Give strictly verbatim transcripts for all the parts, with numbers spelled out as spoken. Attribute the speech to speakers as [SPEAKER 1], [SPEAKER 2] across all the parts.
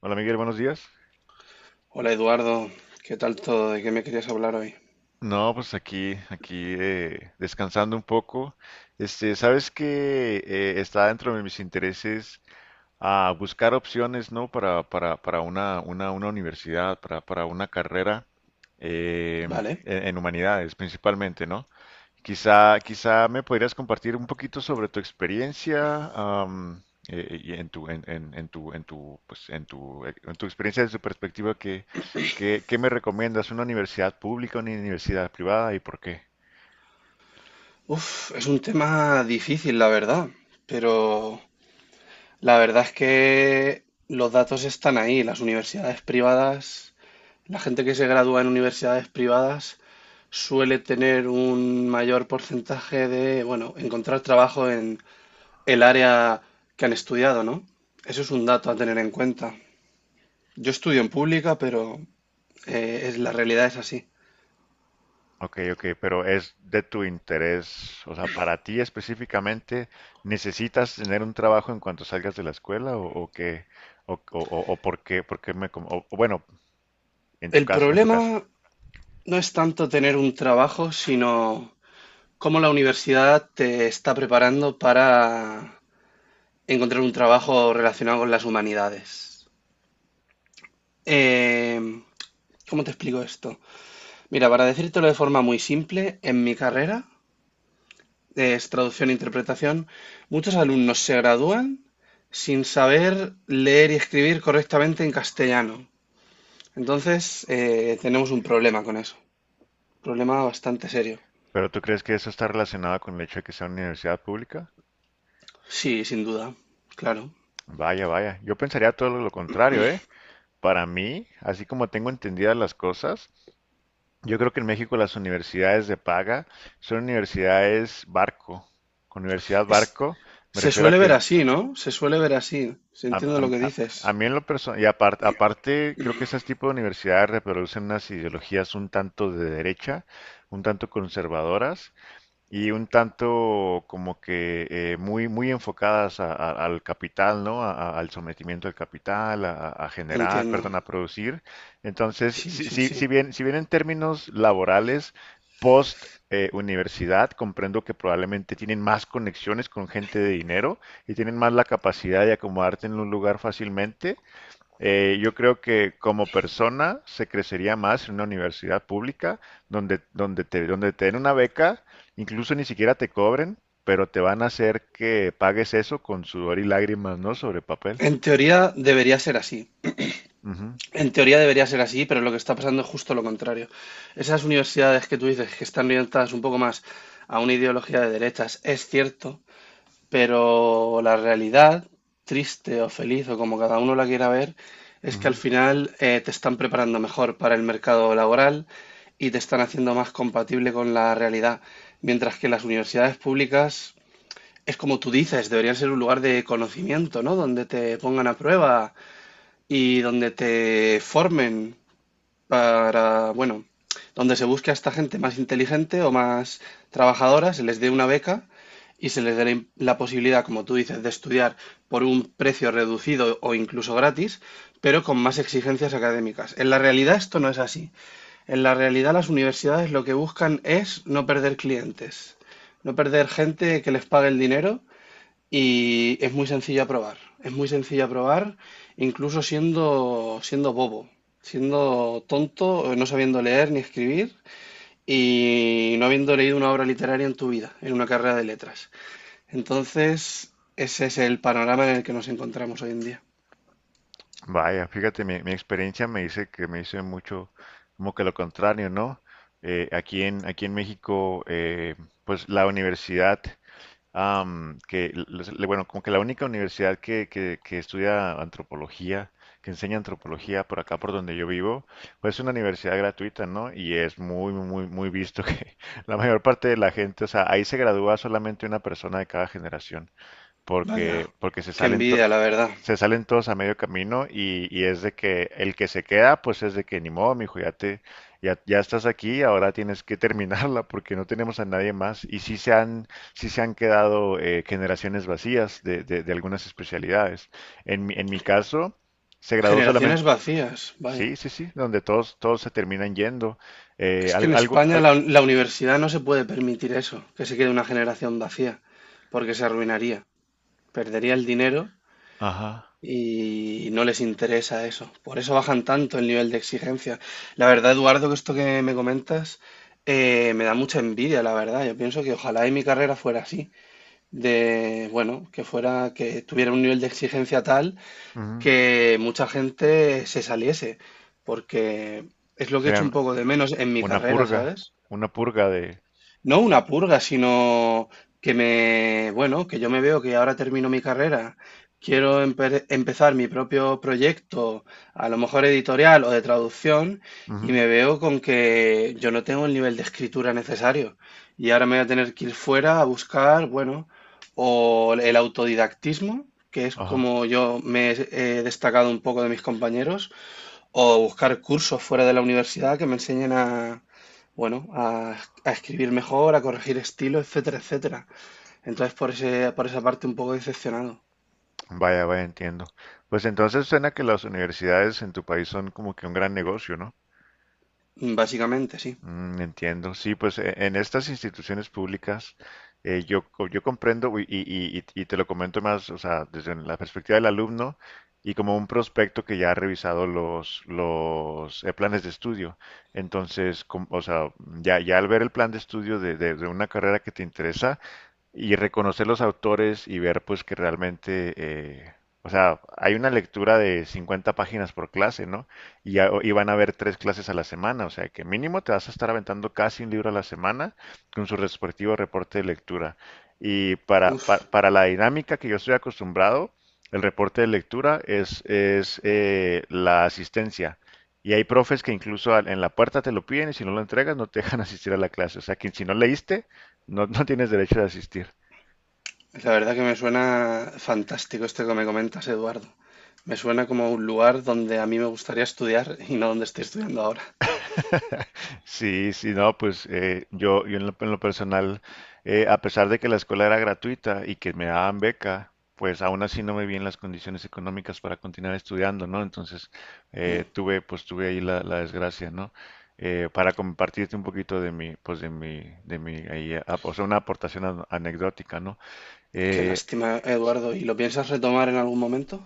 [SPEAKER 1] Hola Miguel, buenos días.
[SPEAKER 2] Hola Eduardo, ¿qué tal todo? ¿De qué me querías hablar hoy?
[SPEAKER 1] No, pues aquí, aquí eh, Descansando un poco. Este, sabes que eh, está dentro de mis intereses a buscar opciones, ¿no? Para, para, para una, una, una universidad, para, para una carrera eh,
[SPEAKER 2] Vale.
[SPEAKER 1] en, en humanidades principalmente, ¿no? Quizá, quizá me podrías compartir un poquito sobre tu experiencia, am, eh, eh, y en tu, en, en- en tu, en tu, pues, en tu, eh, en tu experiencia desde tu perspectiva, ¿qué, qué, qué me recomiendas? ¿Una universidad pública, una universidad privada y por qué?
[SPEAKER 2] Uf, es un tema difícil, la verdad, pero la verdad es que los datos están ahí. Las universidades privadas, la gente que se gradúa en universidades privadas suele tener un mayor porcentaje de, bueno, encontrar trabajo en el área que han estudiado, ¿no? Eso es un dato a tener en cuenta. Yo estudio en pública, pero eh, es, la realidad es así.
[SPEAKER 1] Ok, ok, pero es de tu interés, o sea, para ti específicamente, ¿necesitas tener un trabajo en cuanto salgas de la escuela o, o qué, o, o, o- o por qué, por qué me, com- o, o bueno, en tu
[SPEAKER 2] El
[SPEAKER 1] caso, en tu caso.
[SPEAKER 2] problema no es tanto tener un trabajo, sino cómo la universidad te está preparando para encontrar un trabajo relacionado con las humanidades. Em, ¿Cómo te explico esto? Mira, para decírtelo de forma muy simple, en mi carrera, que es traducción e interpretación, muchos alumnos se gradúan sin saber leer y escribir correctamente en castellano. Entonces, eh, tenemos un problema con eso, problema bastante serio.
[SPEAKER 1] ¿Pero tú crees que eso está relacionado con el hecho de que sea una universidad pública?
[SPEAKER 2] Sí, sin duda, claro.
[SPEAKER 1] Vaya, vaya. Yo pensaría todo lo contrario, ¿eh? Para mí, así como tengo entendidas las cosas, yo creo que en México las universidades de paga son universidades barco. Con universidad
[SPEAKER 2] Es-
[SPEAKER 1] barco me
[SPEAKER 2] Se
[SPEAKER 1] refiero a
[SPEAKER 2] suele ver
[SPEAKER 1] que
[SPEAKER 2] así, ¿no? Se suele ver así. Se
[SPEAKER 1] a,
[SPEAKER 2] entiende lo que
[SPEAKER 1] a- a- a
[SPEAKER 2] dices.
[SPEAKER 1] mí en lo personal, y apar- aparte, creo que ese tipo de universidades reproducen unas ideologías un tanto de derecha, un tanto conservadoras, y un tanto como que eh, muy, muy enfocadas a- a- al capital, ¿no? A- a- al sometimiento del capital, a, a- a generar,
[SPEAKER 2] Entiendo.
[SPEAKER 1] perdón, a producir. Entonces,
[SPEAKER 2] Sí,
[SPEAKER 1] si,
[SPEAKER 2] sí,
[SPEAKER 1] si,
[SPEAKER 2] sí.
[SPEAKER 1] si bien, si bien en términos laborales, post eh, universidad, comprendo que probablemente tienen más conexiones con gente de dinero y tienen más la capacidad de acomodarte en un lugar fácilmente. Eh, yo creo que como persona se crecería más en una universidad pública donde, donde te, donde te den una beca, incluso ni siquiera te cobren, pero te van a hacer que pagues eso con sudor y lágrimas, ¿no? Sobre papel.
[SPEAKER 2] En teoría debería ser así.
[SPEAKER 1] Ujú,
[SPEAKER 2] En teoría debería ser así, pero lo que está pasando es justo lo contrario. Esas universidades que tú dices que están orientadas un poco más a una ideología de derechas, es cierto, pero la realidad, triste o feliz o como cada uno la quiera ver, es que al
[SPEAKER 1] ujú.
[SPEAKER 2] final eh, te están preparando mejor para el mercado laboral y te están haciendo más compatible con la realidad. Mientras que las universidades públicas, es como tú dices, deberían ser un lugar de conocimiento, ¿no? Donde te pongan a prueba y donde te formen para, bueno, donde se busque a esta gente más inteligente o más trabajadora, se les dé una beca y se les dé la, im- la posibilidad, como tú dices, de estudiar por un precio reducido o incluso gratis, pero con más exigencias académicas. En la realidad esto no es así. En la realidad las universidades lo que buscan es no perder clientes, no perder gente que les pague el dinero y es muy sencillo aprobar. Es muy sencillo aprobar, incluso siendo, siendo bobo, siendo tonto, eh, no sabiendo leer ni escribir y no habiendo leído una obra literaria en tu vida, en una carrera de letras. Entonces, ese es el panorama en el que nos encontramos hoy en día.
[SPEAKER 1] Vaya, fíjate, mi, mi experiencia me dice que me dice mucho como que lo contrario, ¿no? Eh, aquí en, aquí en México, eh, pues la universidad am, que, les- le- bueno, como que la única universidad que, que, que estudia antropología, que enseña antropología por acá, por donde yo vivo, pues es una universidad gratuita, ¿no? Y es muy, muy, muy visto que la mayor parte de la gente, o sea, ahí se gradúa solamente una persona de cada generación
[SPEAKER 2] Vaya,
[SPEAKER 1] porque, porque se
[SPEAKER 2] qué
[SPEAKER 1] salen
[SPEAKER 2] envidia, la
[SPEAKER 1] todos,
[SPEAKER 2] verdad.
[SPEAKER 1] se salen todos a medio camino y, y es de que el que se queda, pues es de que ni modo, mijo, ya te, ya, ya estás aquí, ahora tienes que terminarla porque no tenemos a nadie más. Y sí se han, sí se han quedado eh, generaciones vacías de, de, de algunas especialidades. En mi, en mi caso, se graduó
[SPEAKER 2] Generaciones
[SPEAKER 1] solamente,
[SPEAKER 2] vacías,
[SPEAKER 1] sí,
[SPEAKER 2] vaya.
[SPEAKER 1] sí, sí, donde todos, todos se terminan yendo. Eh,
[SPEAKER 2] Es que
[SPEAKER 1] al-
[SPEAKER 2] en
[SPEAKER 1] algo,
[SPEAKER 2] España
[SPEAKER 1] al-
[SPEAKER 2] la, la universidad no se puede permitir eso, que se quede una generación vacía, porque se arruinaría. Perdería el dinero
[SPEAKER 1] ajá,
[SPEAKER 2] y no les interesa eso. Por eso bajan tanto el nivel de exigencia. La verdad, Eduardo, que esto que me comentas eh, me da mucha envidia, la verdad. Yo pienso que ojalá y mi carrera fuera así, de, bueno, que fuera, que tuviera un nivel de exigencia tal
[SPEAKER 1] ujú,
[SPEAKER 2] que mucha gente se saliese, porque es lo que he hecho un
[SPEAKER 1] serían
[SPEAKER 2] poco de menos en mi
[SPEAKER 1] una
[SPEAKER 2] carrera,
[SPEAKER 1] purga,
[SPEAKER 2] ¿sabes?
[SPEAKER 1] una purga de,
[SPEAKER 2] No una purga, sino que me, bueno, que yo me veo que ahora termino mi carrera, quiero empe- empezar mi propio proyecto, a lo mejor editorial o de traducción, y
[SPEAKER 1] ujú,
[SPEAKER 2] me veo con que yo no tengo el nivel de escritura necesario. Y ahora me voy a tener que ir fuera a buscar, bueno, o el autodidactismo, que es
[SPEAKER 1] ajá.
[SPEAKER 2] como yo me he eh, destacado un poco de mis compañeros, o buscar cursos fuera de la universidad que me enseñen a, bueno, a, a escribir mejor, a corregir estilo, etcétera, etcétera. Entonces, por ese, por esa parte un poco decepcionado.
[SPEAKER 1] Vaya, vaya, entiendo. Pues entonces suena que las universidades en tu país son como que un gran negocio, ¿no?
[SPEAKER 2] Básicamente, sí.
[SPEAKER 1] Mm, entiendo. Sí, pues e- en estas instituciones públicas eh, yo, co- yo comprendo y, y- y- y te lo comento más, o sea, desde la perspectiva del alumno y como un prospecto que ya ha revisado los, los eh, planes de estudio. Entonces, com- o sea, ya, ya al ver el plan de estudio de, de de una carrera que te interesa, y reconocer los autores y ver pues que realmente, eh, o sea, hay una lectura de cincuenta páginas por clase, ¿no? Y, a- y van a haber tres clases a la semana, o sea que mínimo te vas a estar aventando casi un libro a la semana con su respectivo reporte de lectura. Y para,
[SPEAKER 2] Uf,
[SPEAKER 1] para, para la dinámica que yo estoy acostumbrado, el reporte de lectura es, es eh, la asistencia. Y hay profes que incluso al- en la puerta te lo piden y si no lo entregas no te dejan asistir a la clase. O sea que si no leíste, no, no tienes derecho de asistir.
[SPEAKER 2] la verdad que me suena fantástico esto que me comentas, Eduardo. Me suena como un lugar donde a mí me gustaría estudiar y no donde estoy estudiando ahora.
[SPEAKER 1] Sí, sí, no, pues eh, yo, yo en lo, en lo personal, eh, a pesar de que la escuela era gratuita y que me daban beca, pues aún así no me vi en las condiciones económicas para continuar estudiando, ¿no? Entonces eh,
[SPEAKER 2] Mm.
[SPEAKER 1] tuve, pues tuve ahí la, la desgracia, ¿no? Eh, para compartirte un poquito de mi, pues de mi, de mi, ahí, ah, o sea, una aportación an- anecdótica, ¿no?
[SPEAKER 2] Qué
[SPEAKER 1] Eh,
[SPEAKER 2] lástima, Eduardo. ¿Y lo piensas retomar en algún momento?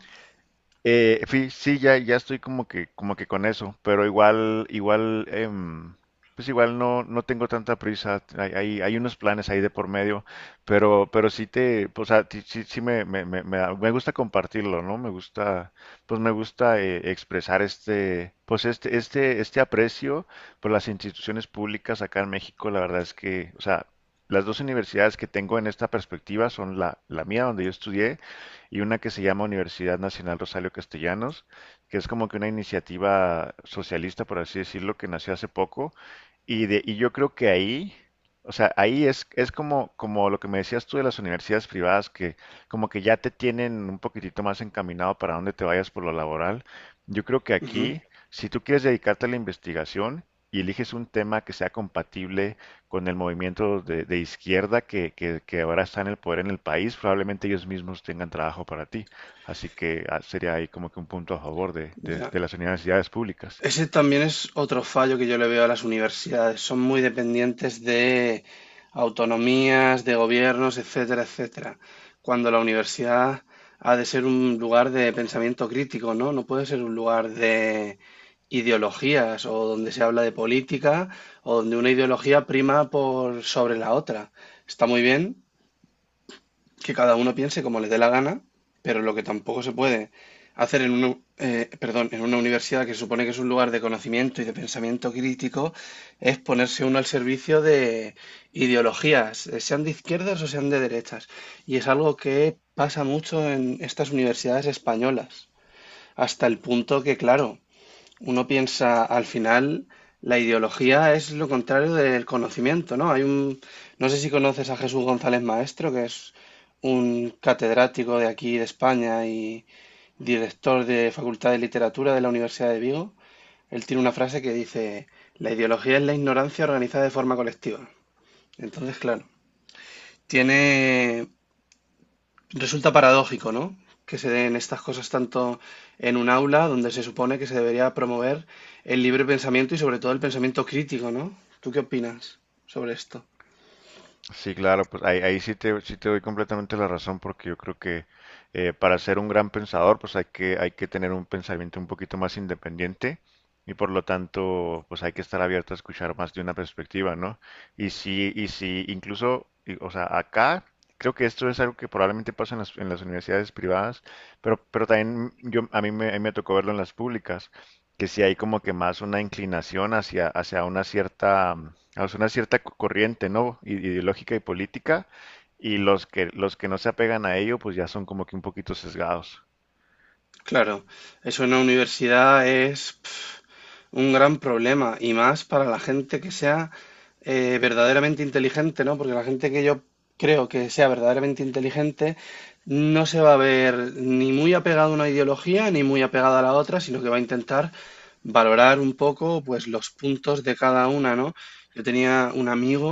[SPEAKER 1] Eh, fi- sí, ya, ya estoy como que, como que con eso, pero igual, igual, em, pues igual no, no tengo tanta prisa. Hay, hay, hay unos planes ahí de por medio, pero, pero sí te, pues, o sea, ti- sí, sí me, me, me, me da- me gusta compartirlo, ¿no? Me gusta, pues me gusta eh, expresar este, pues este, este, este aprecio por las instituciones públicas acá en México. La verdad es que, o sea, las dos universidades que tengo en esta perspectiva son la, la mía, donde yo estudié y una que se llama Universidad Nacional Rosario Castellanos, que es como que una iniciativa socialista, por así decirlo, que nació hace poco. Y, de, y yo creo que ahí, o sea, ahí es, es como, como lo que me decías tú de las universidades privadas, que como que ya te tienen un poquitito más encaminado para dónde te vayas por lo laboral. Yo creo que
[SPEAKER 2] Ujú.
[SPEAKER 1] aquí, si tú quieres dedicarte a la investigación y eliges un tema que sea compatible con el movimiento de, de izquierda que, que, que ahora está en el poder en el país, probablemente ellos mismos tengan trabajo para ti. Así que ah, sería ahí como que un punto a favor de, de,
[SPEAKER 2] Ya.
[SPEAKER 1] de las universidades públicas.
[SPEAKER 2] Ese también es otro fallo que yo le veo a las universidades. Son muy dependientes de autonomías, de gobiernos, etcétera, etcétera. Cuando la universidad ha de ser un lugar de pensamiento crítico, ¿no? No puede ser un lugar de ideologías o donde se habla de política o donde una ideología prima por sobre la otra. Está muy bien, que cada uno piense como le dé la gana, pero lo que tampoco se puede hacer en una, eh, perdón, en una universidad que se supone que es un lugar de conocimiento y de pensamiento crítico es ponerse uno al servicio de ideologías, eh, sean de izquierdas o sean de derechas. Y es algo que pasa mucho en estas universidades españolas, hasta el punto que, claro, uno piensa, al final, la ideología es lo contrario del conocimiento, ¿no? Hay un, no sé si conoces a Jesús González Maestro, que es un catedrático de aquí de España y director de Facultad de Literatura de la Universidad de Vigo. Él tiene una frase que dice, la ideología es la ignorancia organizada de forma colectiva. Entonces, claro, tiene, resulta paradójico, ¿no? Que se den estas cosas tanto en un aula donde se supone que se debería promover el libre pensamiento y sobre todo el pensamiento crítico, ¿no? ¿Tú qué opinas sobre esto?
[SPEAKER 1] Sí, claro, pues ahí, ahí sí te, sí te doy completamente la razón porque yo creo que eh, para ser un gran pensador pues hay que, hay que tener un pensamiento un poquito más independiente y por lo tanto pues hay que estar abierto a escuchar más de una perspectiva, ¿no? Y sí, y sí, incluso, y- o sea, acá creo que esto es algo que probablemente pasa en las, en las universidades privadas, pero, pero también yo, a mí me, a mí me tocó verlo en las públicas que si hay como que más una inclinación hacia, hacia una cierta, mm, hacia una cierta co- corriente, ¿no? I- Ideológica y política, y los que, los que no se apegan a ello, pues ya son como que un poquito sesgados.
[SPEAKER 2] Claro, eso en la universidad es pf, un gran problema y más para la gente que sea eh, verdaderamente inteligente, ¿no? Porque la gente que yo creo que sea verdaderamente inteligente no se va a ver ni muy apegada a una ideología ni muy apegada a la otra, sino que va a intentar valorar un poco pues los puntos de cada una, ¿no? Yo tenía un amigo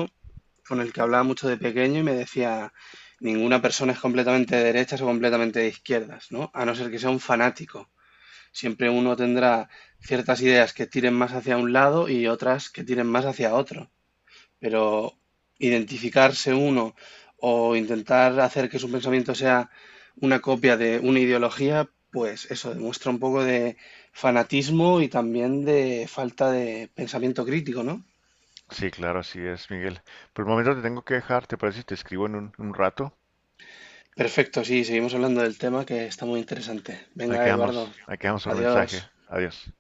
[SPEAKER 2] con el que hablaba mucho de pequeño y me decía, ninguna persona es completamente de derechas o completamente de izquierdas, ¿no? A no ser que sea un fanático. Siempre uno tendrá ciertas ideas que tiren más hacia un lado y otras que tiren más hacia otro. Pero identificarse uno o intentar hacer que su pensamiento sea una copia de una ideología, pues eso demuestra un poco de fanatismo y también de falta de pensamiento crítico, ¿no?
[SPEAKER 1] Sí, claro, así es, Miguel. Por el momento te tengo que dejar, ¿te parece si te escribo en un, un rato?
[SPEAKER 2] Perfecto, sí, seguimos hablando del tema que está muy interesante.
[SPEAKER 1] Aquí
[SPEAKER 2] Venga, Eduardo,
[SPEAKER 1] vamos, aquí vamos por mensaje.
[SPEAKER 2] adiós.
[SPEAKER 1] Adiós.